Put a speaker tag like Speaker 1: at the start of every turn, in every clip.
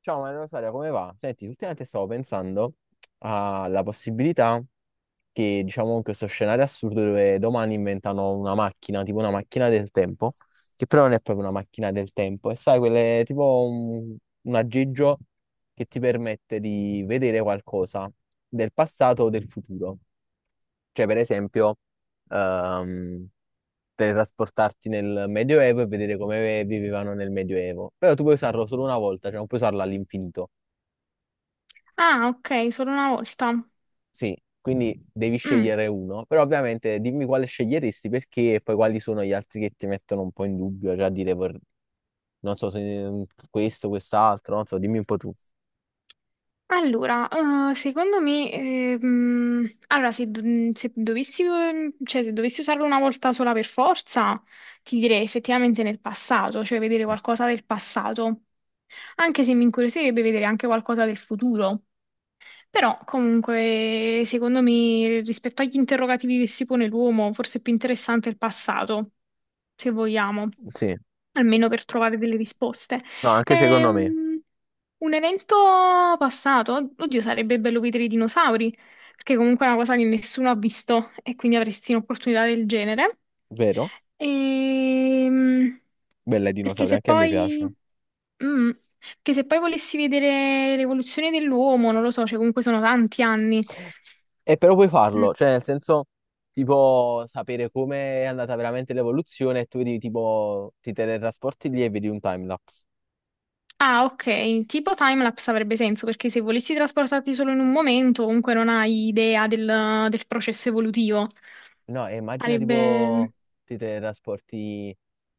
Speaker 1: Ciao Maria Rosaria, come va? Senti, ultimamente stavo pensando alla possibilità che, diciamo, questo scenario assurdo dove domani inventano una macchina, tipo una macchina del tempo, che però non è proprio una macchina del tempo, e sai, quelle, tipo un aggeggio che ti permette di vedere qualcosa del passato o del futuro. Cioè, per esempio, ehm, teletrasportarti nel Medioevo e vedere come vivevano nel Medioevo. Però tu puoi usarlo solo una volta, cioè non puoi usarlo all'infinito.
Speaker 2: Ah, ok, solo una volta.
Speaker 1: Sì, quindi devi
Speaker 2: Mm.
Speaker 1: scegliere uno, però ovviamente dimmi quale sceglieresti perché e poi quali sono gli altri che ti mettono un po' in dubbio, cioè a dire non so se mm, questo, quest'altro, non so, dimmi un po' tu.
Speaker 2: Allora, secondo me, se, do- mm, se dovessi, cioè, se dovessi usarlo una volta sola per forza, ti direi effettivamente nel passato, cioè vedere qualcosa del passato, anche se mi incuriosirebbe vedere anche qualcosa del futuro. Però, comunque, secondo me, rispetto agli interrogativi che si pone l'uomo, forse è più interessante il passato, se vogliamo,
Speaker 1: Sì,
Speaker 2: almeno per trovare delle risposte.
Speaker 1: no, anche
Speaker 2: È
Speaker 1: secondo me,
Speaker 2: un evento passato. Oddio, sarebbe bello vedere i dinosauri, perché comunque è una cosa che nessuno ha visto e quindi avresti un'opportunità del genere.
Speaker 1: vero?
Speaker 2: Ehm,
Speaker 1: Bella i
Speaker 2: perché
Speaker 1: dinosauri,
Speaker 2: se
Speaker 1: anche a me
Speaker 2: poi,
Speaker 1: piace.
Speaker 2: mm, perché se poi volessi vedere l'evoluzione dell'uomo, non lo so, cioè comunque sono tanti anni.
Speaker 1: E però puoi
Speaker 2: Mm.
Speaker 1: farlo, cioè nel senso tipo sapere come è andata veramente l'evoluzione e tu vedi tipo ti teletrasporti lì e vedi un timelapse.
Speaker 2: Ah, ok, tipo timelapse avrebbe senso perché se volessi trasportarti solo in un momento, comunque non hai idea del processo evolutivo.
Speaker 1: No, e immagina
Speaker 2: Sarebbe...
Speaker 1: tipo ti teletrasporti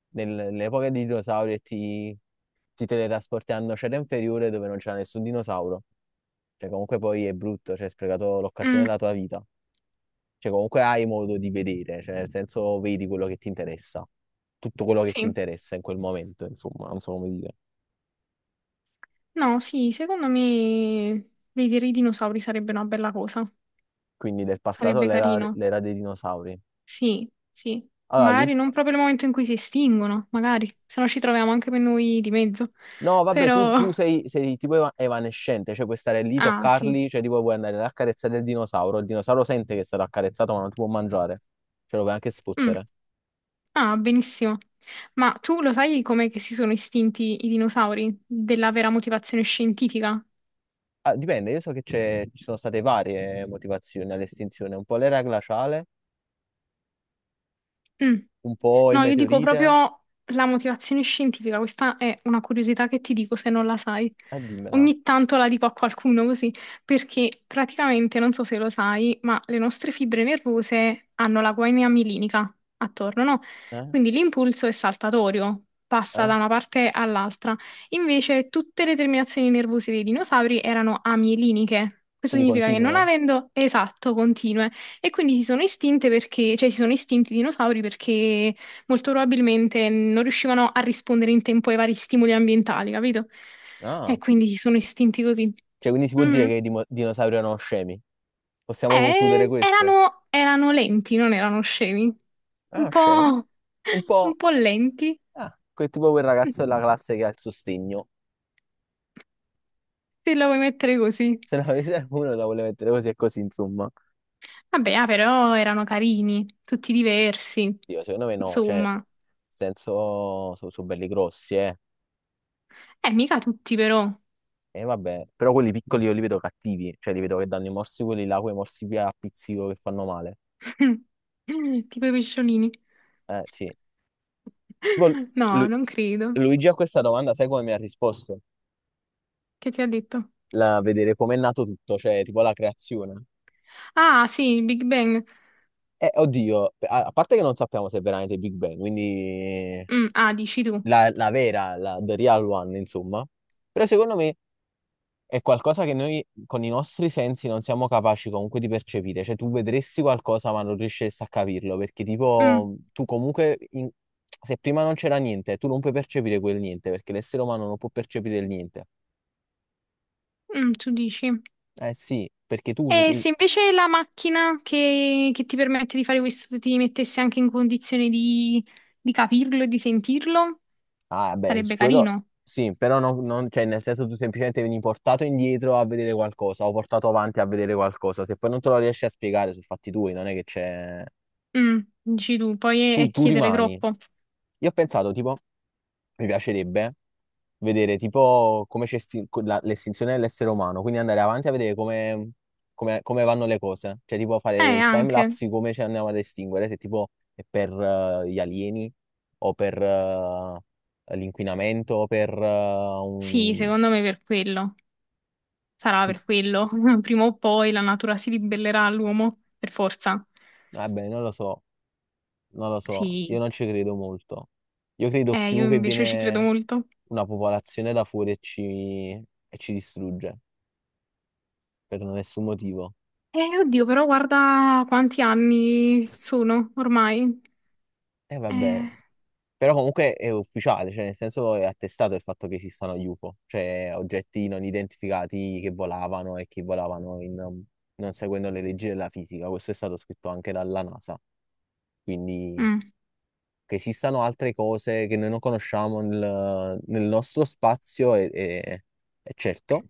Speaker 1: nell'epoca dei dinosauri ti teletrasporti al nocera inferiore dove non c'era nessun dinosauro. Cioè, comunque poi è brutto, cioè, hai sprecato l'occasione
Speaker 2: mm,
Speaker 1: della tua vita. Cioè, comunque hai modo di vedere, cioè, nel senso vedi quello che ti interessa, tutto quello che ti
Speaker 2: sì,
Speaker 1: interessa in quel momento, insomma, non so come dire.
Speaker 2: no, sì, secondo me vedere i dinosauri sarebbe una bella cosa.
Speaker 1: Quindi del passato
Speaker 2: Sarebbe
Speaker 1: all'era
Speaker 2: carino.
Speaker 1: l'era dei dinosauri.
Speaker 2: Sì, sì.
Speaker 1: Allora, Luigi.
Speaker 2: Magari non proprio il momento in cui si estinguono, magari, se no ci troviamo anche per noi di mezzo.
Speaker 1: No, vabbè, tu,
Speaker 2: Però.
Speaker 1: tu sei, sei tipo evanescente, cioè puoi stare lì,
Speaker 2: Ah, sì.
Speaker 1: toccarli, cioè tipo puoi andare ad accarezzare il dinosauro sente che è stato accarezzato ma non ti può mangiare, ce lo puoi anche
Speaker 2: Mm.
Speaker 1: sfottere.
Speaker 2: Ah, benissimo. Ma tu lo sai come che si sono estinti i dinosauri? Della vera motivazione scientifica?
Speaker 1: Ah, dipende, io so che ci sono state varie motivazioni all'estinzione, un po' l'era glaciale,
Speaker 2: Mm.
Speaker 1: un po' il
Speaker 2: No, io dico
Speaker 1: meteorite,
Speaker 2: proprio la motivazione scientifica, questa è una curiosità che ti dico se non la sai.
Speaker 1: dimmela,
Speaker 2: Ogni tanto la dico a qualcuno così, perché praticamente, non so se lo sai, ma le nostre fibre nervose hanno la guaina milinica attorno, no?
Speaker 1: eh?
Speaker 2: Quindi l'impulso è saltatorio, passa
Speaker 1: Eh?
Speaker 2: da una parte all'altra. Invece tutte le terminazioni nervose dei dinosauri erano amieliniche. Questo
Speaker 1: Quindi
Speaker 2: significa che non
Speaker 1: continua, eh?
Speaker 2: avendo esatto continue, e quindi si sono estinte perché, cioè si sono estinti i dinosauri perché molto probabilmente non riuscivano a rispondere in tempo ai vari stimoli ambientali, capito?
Speaker 1: Ah,
Speaker 2: E quindi si sono estinti così.
Speaker 1: cioè quindi si può dire
Speaker 2: Mhm.
Speaker 1: che i dinosauri erano scemi, possiamo concludere questo?
Speaker 2: Erano lenti, non erano scemi. Un
Speaker 1: Ah, scemi?
Speaker 2: po',
Speaker 1: Un
Speaker 2: un
Speaker 1: po',
Speaker 2: po' lenti,
Speaker 1: ah, quel tipo quel ragazzo della classe che ha il sostegno.
Speaker 2: se la vuoi mettere così.
Speaker 1: Se ne avete uno la vuole mettere così e così, insomma.
Speaker 2: Vabbè, ah, però erano carini, tutti diversi,
Speaker 1: Dio, secondo me no, cioè,
Speaker 2: insomma.
Speaker 1: nel senso, sono belli grossi, eh.
Speaker 2: Mica tutti però.
Speaker 1: E vabbè, però quelli piccoli io li vedo cattivi, cioè li vedo che danno i morsi quelli là, quei morsi via a pizzico che fanno male.
Speaker 2: Tipo i pesciolini.
Speaker 1: Sì. Poi Lu-
Speaker 2: No, non credo.
Speaker 1: Luigi a questa domanda, sai come mi ha risposto?
Speaker 2: Che ti ha detto?
Speaker 1: La, vedere com'è nato tutto, cioè tipo la creazione.
Speaker 2: Ah, sì, il Big Bang.
Speaker 1: Oddio, a, a parte che non sappiamo se è veramente Big Bang, quindi
Speaker 2: Mm, ah, dici tu.
Speaker 1: la, la vera, la, the real one, insomma. Però secondo me è qualcosa che noi con i nostri sensi non siamo capaci comunque di percepire, cioè tu vedresti qualcosa ma non riusciresti a capirlo, perché
Speaker 2: Mm,
Speaker 1: tipo tu comunque, se prima non c'era niente, tu non puoi percepire quel niente, perché l'essere umano non può percepire il niente.
Speaker 2: mm, tu dici.
Speaker 1: Eh sì, perché tu,
Speaker 2: E
Speaker 1: il-
Speaker 2: se invece la macchina che ti permette di fare questo ti mettesse anche in condizione di capirlo e di sentirlo,
Speaker 1: ah beh, su
Speaker 2: sarebbe
Speaker 1: quello
Speaker 2: carino.
Speaker 1: sì, però non, cioè nel senso tu semplicemente vieni portato indietro a vedere qualcosa o portato avanti a vedere qualcosa, se poi non te lo riesci a spiegare sono fatti tuoi, non è che c'è...
Speaker 2: Mm, dici tu, poi è,
Speaker 1: Tu,
Speaker 2: è
Speaker 1: tu
Speaker 2: chiedere
Speaker 1: rimani.
Speaker 2: troppo.
Speaker 1: Io ho pensato tipo... mi piacerebbe vedere tipo come l'estinzione dell'essere umano, quindi andare avanti a vedere come, come vanno le cose, cioè tipo fare il time
Speaker 2: Anche.
Speaker 1: lapse di come ci andiamo ad estinguere, se tipo è per gli alieni o per l'inquinamento o per
Speaker 2: Sì,
Speaker 1: un...
Speaker 2: secondo me per quello. Sarà
Speaker 1: tu-
Speaker 2: per quello. Prima o poi la natura si ribellerà all'uomo, per forza.
Speaker 1: Vabbè, non lo so, io
Speaker 2: Sì.
Speaker 1: non ci credo molto. Io credo
Speaker 2: Io
Speaker 1: più che
Speaker 2: invece ci credo
Speaker 1: viene
Speaker 2: molto.
Speaker 1: una popolazione da fuori e ci distrugge per nessun motivo.
Speaker 2: Oddio, però guarda quanti anni sono ormai.
Speaker 1: E vabbè.
Speaker 2: Eh.
Speaker 1: Però comunque è ufficiale, cioè nel senso è attestato il fatto che esistano gli UFO, cioè oggetti non identificati che volavano e che volavano non seguendo le leggi della fisica. Questo è stato scritto anche dalla NASA. Quindi
Speaker 2: Mm.
Speaker 1: che esistano altre cose che noi non conosciamo nel, nel nostro spazio è, è certo.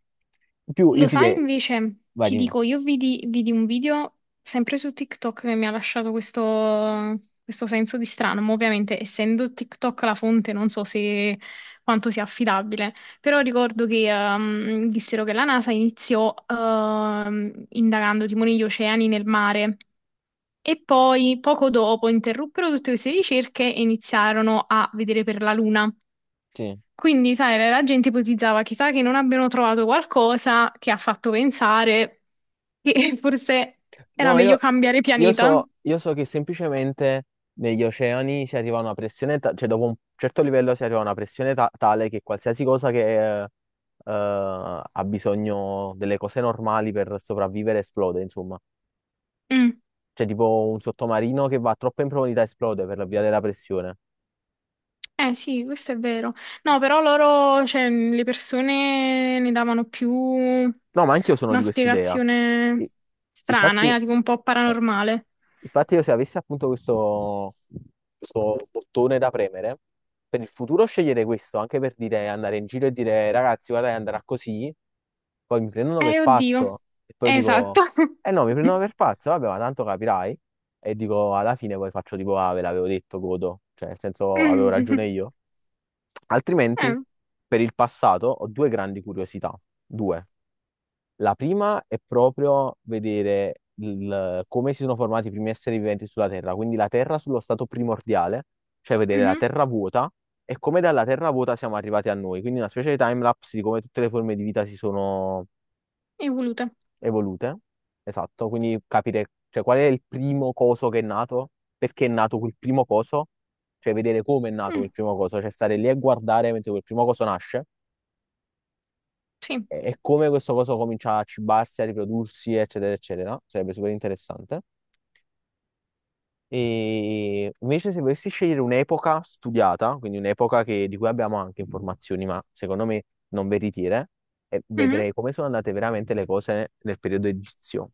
Speaker 1: In più, io
Speaker 2: Lo
Speaker 1: ti
Speaker 2: sai
Speaker 1: direi,
Speaker 2: invece,
Speaker 1: vai
Speaker 2: ti
Speaker 1: dimmi.
Speaker 2: dico, io vidi un video sempre su TikTok che mi ha lasciato questo, senso di strano, ma ovviamente essendo TikTok la fonte non so se quanto sia affidabile, però ricordo che dissero che la NASA iniziò indagando timoni gli oceani nel mare. E poi, poco dopo, interruppero tutte queste ricerche e iniziarono a vedere per la Luna.
Speaker 1: Sì.
Speaker 2: Quindi, sai, la gente ipotizzava, chissà che non abbiano trovato qualcosa che ha fatto pensare che forse era
Speaker 1: No,
Speaker 2: meglio
Speaker 1: io,
Speaker 2: cambiare pianeta.
Speaker 1: io so che semplicemente negli oceani si arriva a una pressione, cioè dopo un certo livello si arriva a una pressione tale che qualsiasi cosa che ha bisogno delle cose normali per sopravvivere esplode, insomma.
Speaker 2: Mm.
Speaker 1: Cioè tipo un sottomarino che va troppo in profondità esplode per la via della pressione.
Speaker 2: Eh sì, questo è vero. No, però loro, cioè, le persone ne davano più
Speaker 1: No, ma anch'io sono di
Speaker 2: una
Speaker 1: quest'idea.
Speaker 2: spiegazione
Speaker 1: I-
Speaker 2: strana,
Speaker 1: Infatti,
Speaker 2: era tipo un po'
Speaker 1: no.
Speaker 2: paranormale.
Speaker 1: Infatti io se avessi appunto questo, questo bottone da premere, per il futuro sceglierei questo, anche per dire, andare in giro e dire, ragazzi, guarda, che andrà così, poi mi prendono per
Speaker 2: Oddio.
Speaker 1: pazzo, e poi
Speaker 2: Esatto.
Speaker 1: dico, eh no, mi prendono per pazzo, vabbè, ma tanto capirai, e dico, alla fine poi faccio tipo, ah, ve l'avevo detto, godo, cioè, nel senso, avevo ragione io. Altrimenti,
Speaker 2: Eh,
Speaker 1: per il passato, ho due grandi curiosità, due. La prima è proprio vedere come si sono formati i primi esseri viventi sulla Terra, quindi la Terra sullo stato primordiale, cioè vedere la
Speaker 2: mhm.
Speaker 1: Terra vuota e come dalla Terra vuota siamo arrivati a noi, quindi una specie di timelapse di come tutte le forme di vita si sono
Speaker 2: Evolute.
Speaker 1: evolute. Esatto, quindi capire, cioè, qual è il primo coso che è nato, perché è nato quel primo coso, cioè vedere come è nato quel
Speaker 2: Mm,
Speaker 1: primo coso, cioè stare lì e guardare mentre quel primo coso nasce
Speaker 2: sì.
Speaker 1: e come questo coso comincia a cibarsi, a riprodursi, eccetera, eccetera. Sarebbe super interessante. E invece, se volessi scegliere un'epoca studiata, quindi un'epoca di cui abbiamo anche informazioni, ma secondo me non veritiere, e
Speaker 2: Mhm.
Speaker 1: vedrei come sono andate veramente le cose nel periodo egizio.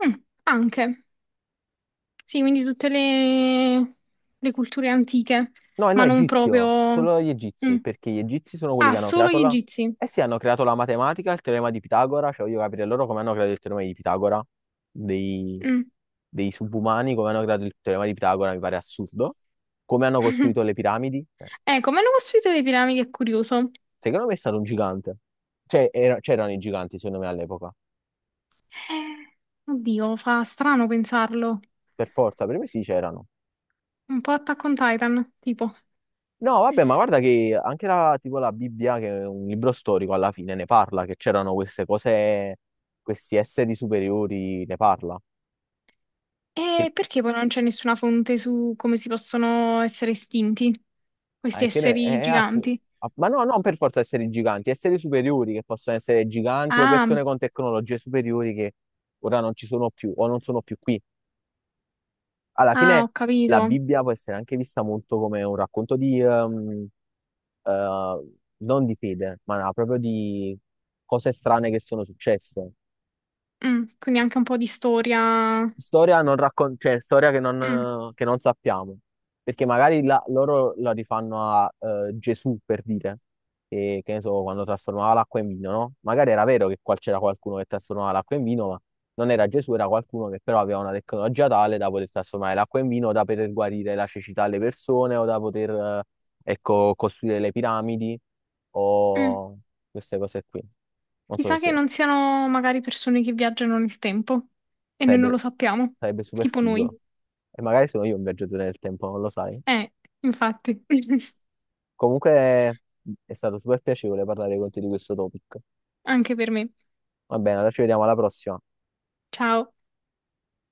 Speaker 2: Mm. Anche. Sì, quindi tutte le culture antiche,
Speaker 1: No, no,
Speaker 2: ma non
Speaker 1: egizio,
Speaker 2: proprio.
Speaker 1: solo gli
Speaker 2: Mm.
Speaker 1: egizi, perché gli egizi sono quelli
Speaker 2: Ah,
Speaker 1: che hanno
Speaker 2: solo
Speaker 1: creato
Speaker 2: gli
Speaker 1: la...
Speaker 2: egizi.
Speaker 1: Eh sì, hanno creato la matematica, il teorema di Pitagora, cioè voglio capire loro come hanno creato il teorema di Pitagora, dei,
Speaker 2: Mm.
Speaker 1: dei subumani, come hanno creato il teorema di Pitagora, mi pare assurdo, come hanno costruito le piramidi, cioè,
Speaker 2: Come hanno costruito le piramidi è curioso.
Speaker 1: secondo me è stato un gigante, cioè c'erano i giganti secondo me all'epoca,
Speaker 2: Eh, oddio, fa strano pensarlo.
Speaker 1: per forza, per me sì c'erano.
Speaker 2: Un po' Attack on Titan, tipo.
Speaker 1: No, vabbè, ma guarda che anche la, tipo la Bibbia, che è un libro storico, alla fine ne parla, che c'erano queste cose, questi esseri superiori, ne parla. Che,
Speaker 2: E perché poi non c'è nessuna fonte su come si possono essere estinti questi
Speaker 1: eh, che ne-
Speaker 2: esseri
Speaker 1: eh, eh, appu-
Speaker 2: giganti?
Speaker 1: ma no, non per forza esseri giganti, esseri superiori che possono essere giganti o
Speaker 2: Ah,
Speaker 1: persone con tecnologie superiori che ora non ci sono più o non sono più qui. Alla
Speaker 2: ah,
Speaker 1: fine
Speaker 2: ho
Speaker 1: la
Speaker 2: capito.
Speaker 1: Bibbia può essere anche vista molto come un racconto di, eh, non di fede, ma no, proprio di cose strane che sono successe.
Speaker 2: Mm, quindi anche un po' di storia.
Speaker 1: Storia, non raccon- cioè, storia
Speaker 2: Mm,
Speaker 1: che non sappiamo, perché magari loro la rifanno a Gesù per dire, che ne so, quando trasformava l'acqua in vino, no? Magari era vero che qua c'era qualcuno che trasformava l'acqua in vino, ma non era Gesù, era qualcuno che però aveva una tecnologia tale da poter trasformare l'acqua in vino, da poter guarire la cecità alle persone o da poter, ecco, costruire le piramidi
Speaker 2: mm.
Speaker 1: o queste cose qui. Non so
Speaker 2: Chissà che
Speaker 1: se...
Speaker 2: non siano magari persone che viaggiano nel tempo e noi non
Speaker 1: Sarebbe,
Speaker 2: lo sappiamo,
Speaker 1: sarebbe super
Speaker 2: tipo noi.
Speaker 1: figo. E magari sono io un viaggiatore nel tempo, non lo sai.
Speaker 2: Eh, infatti.
Speaker 1: Comunque è stato super piacevole parlare con te di questo topic.
Speaker 2: Anche per me.
Speaker 1: Va bene, allora ci vediamo alla prossima.
Speaker 2: Ciao.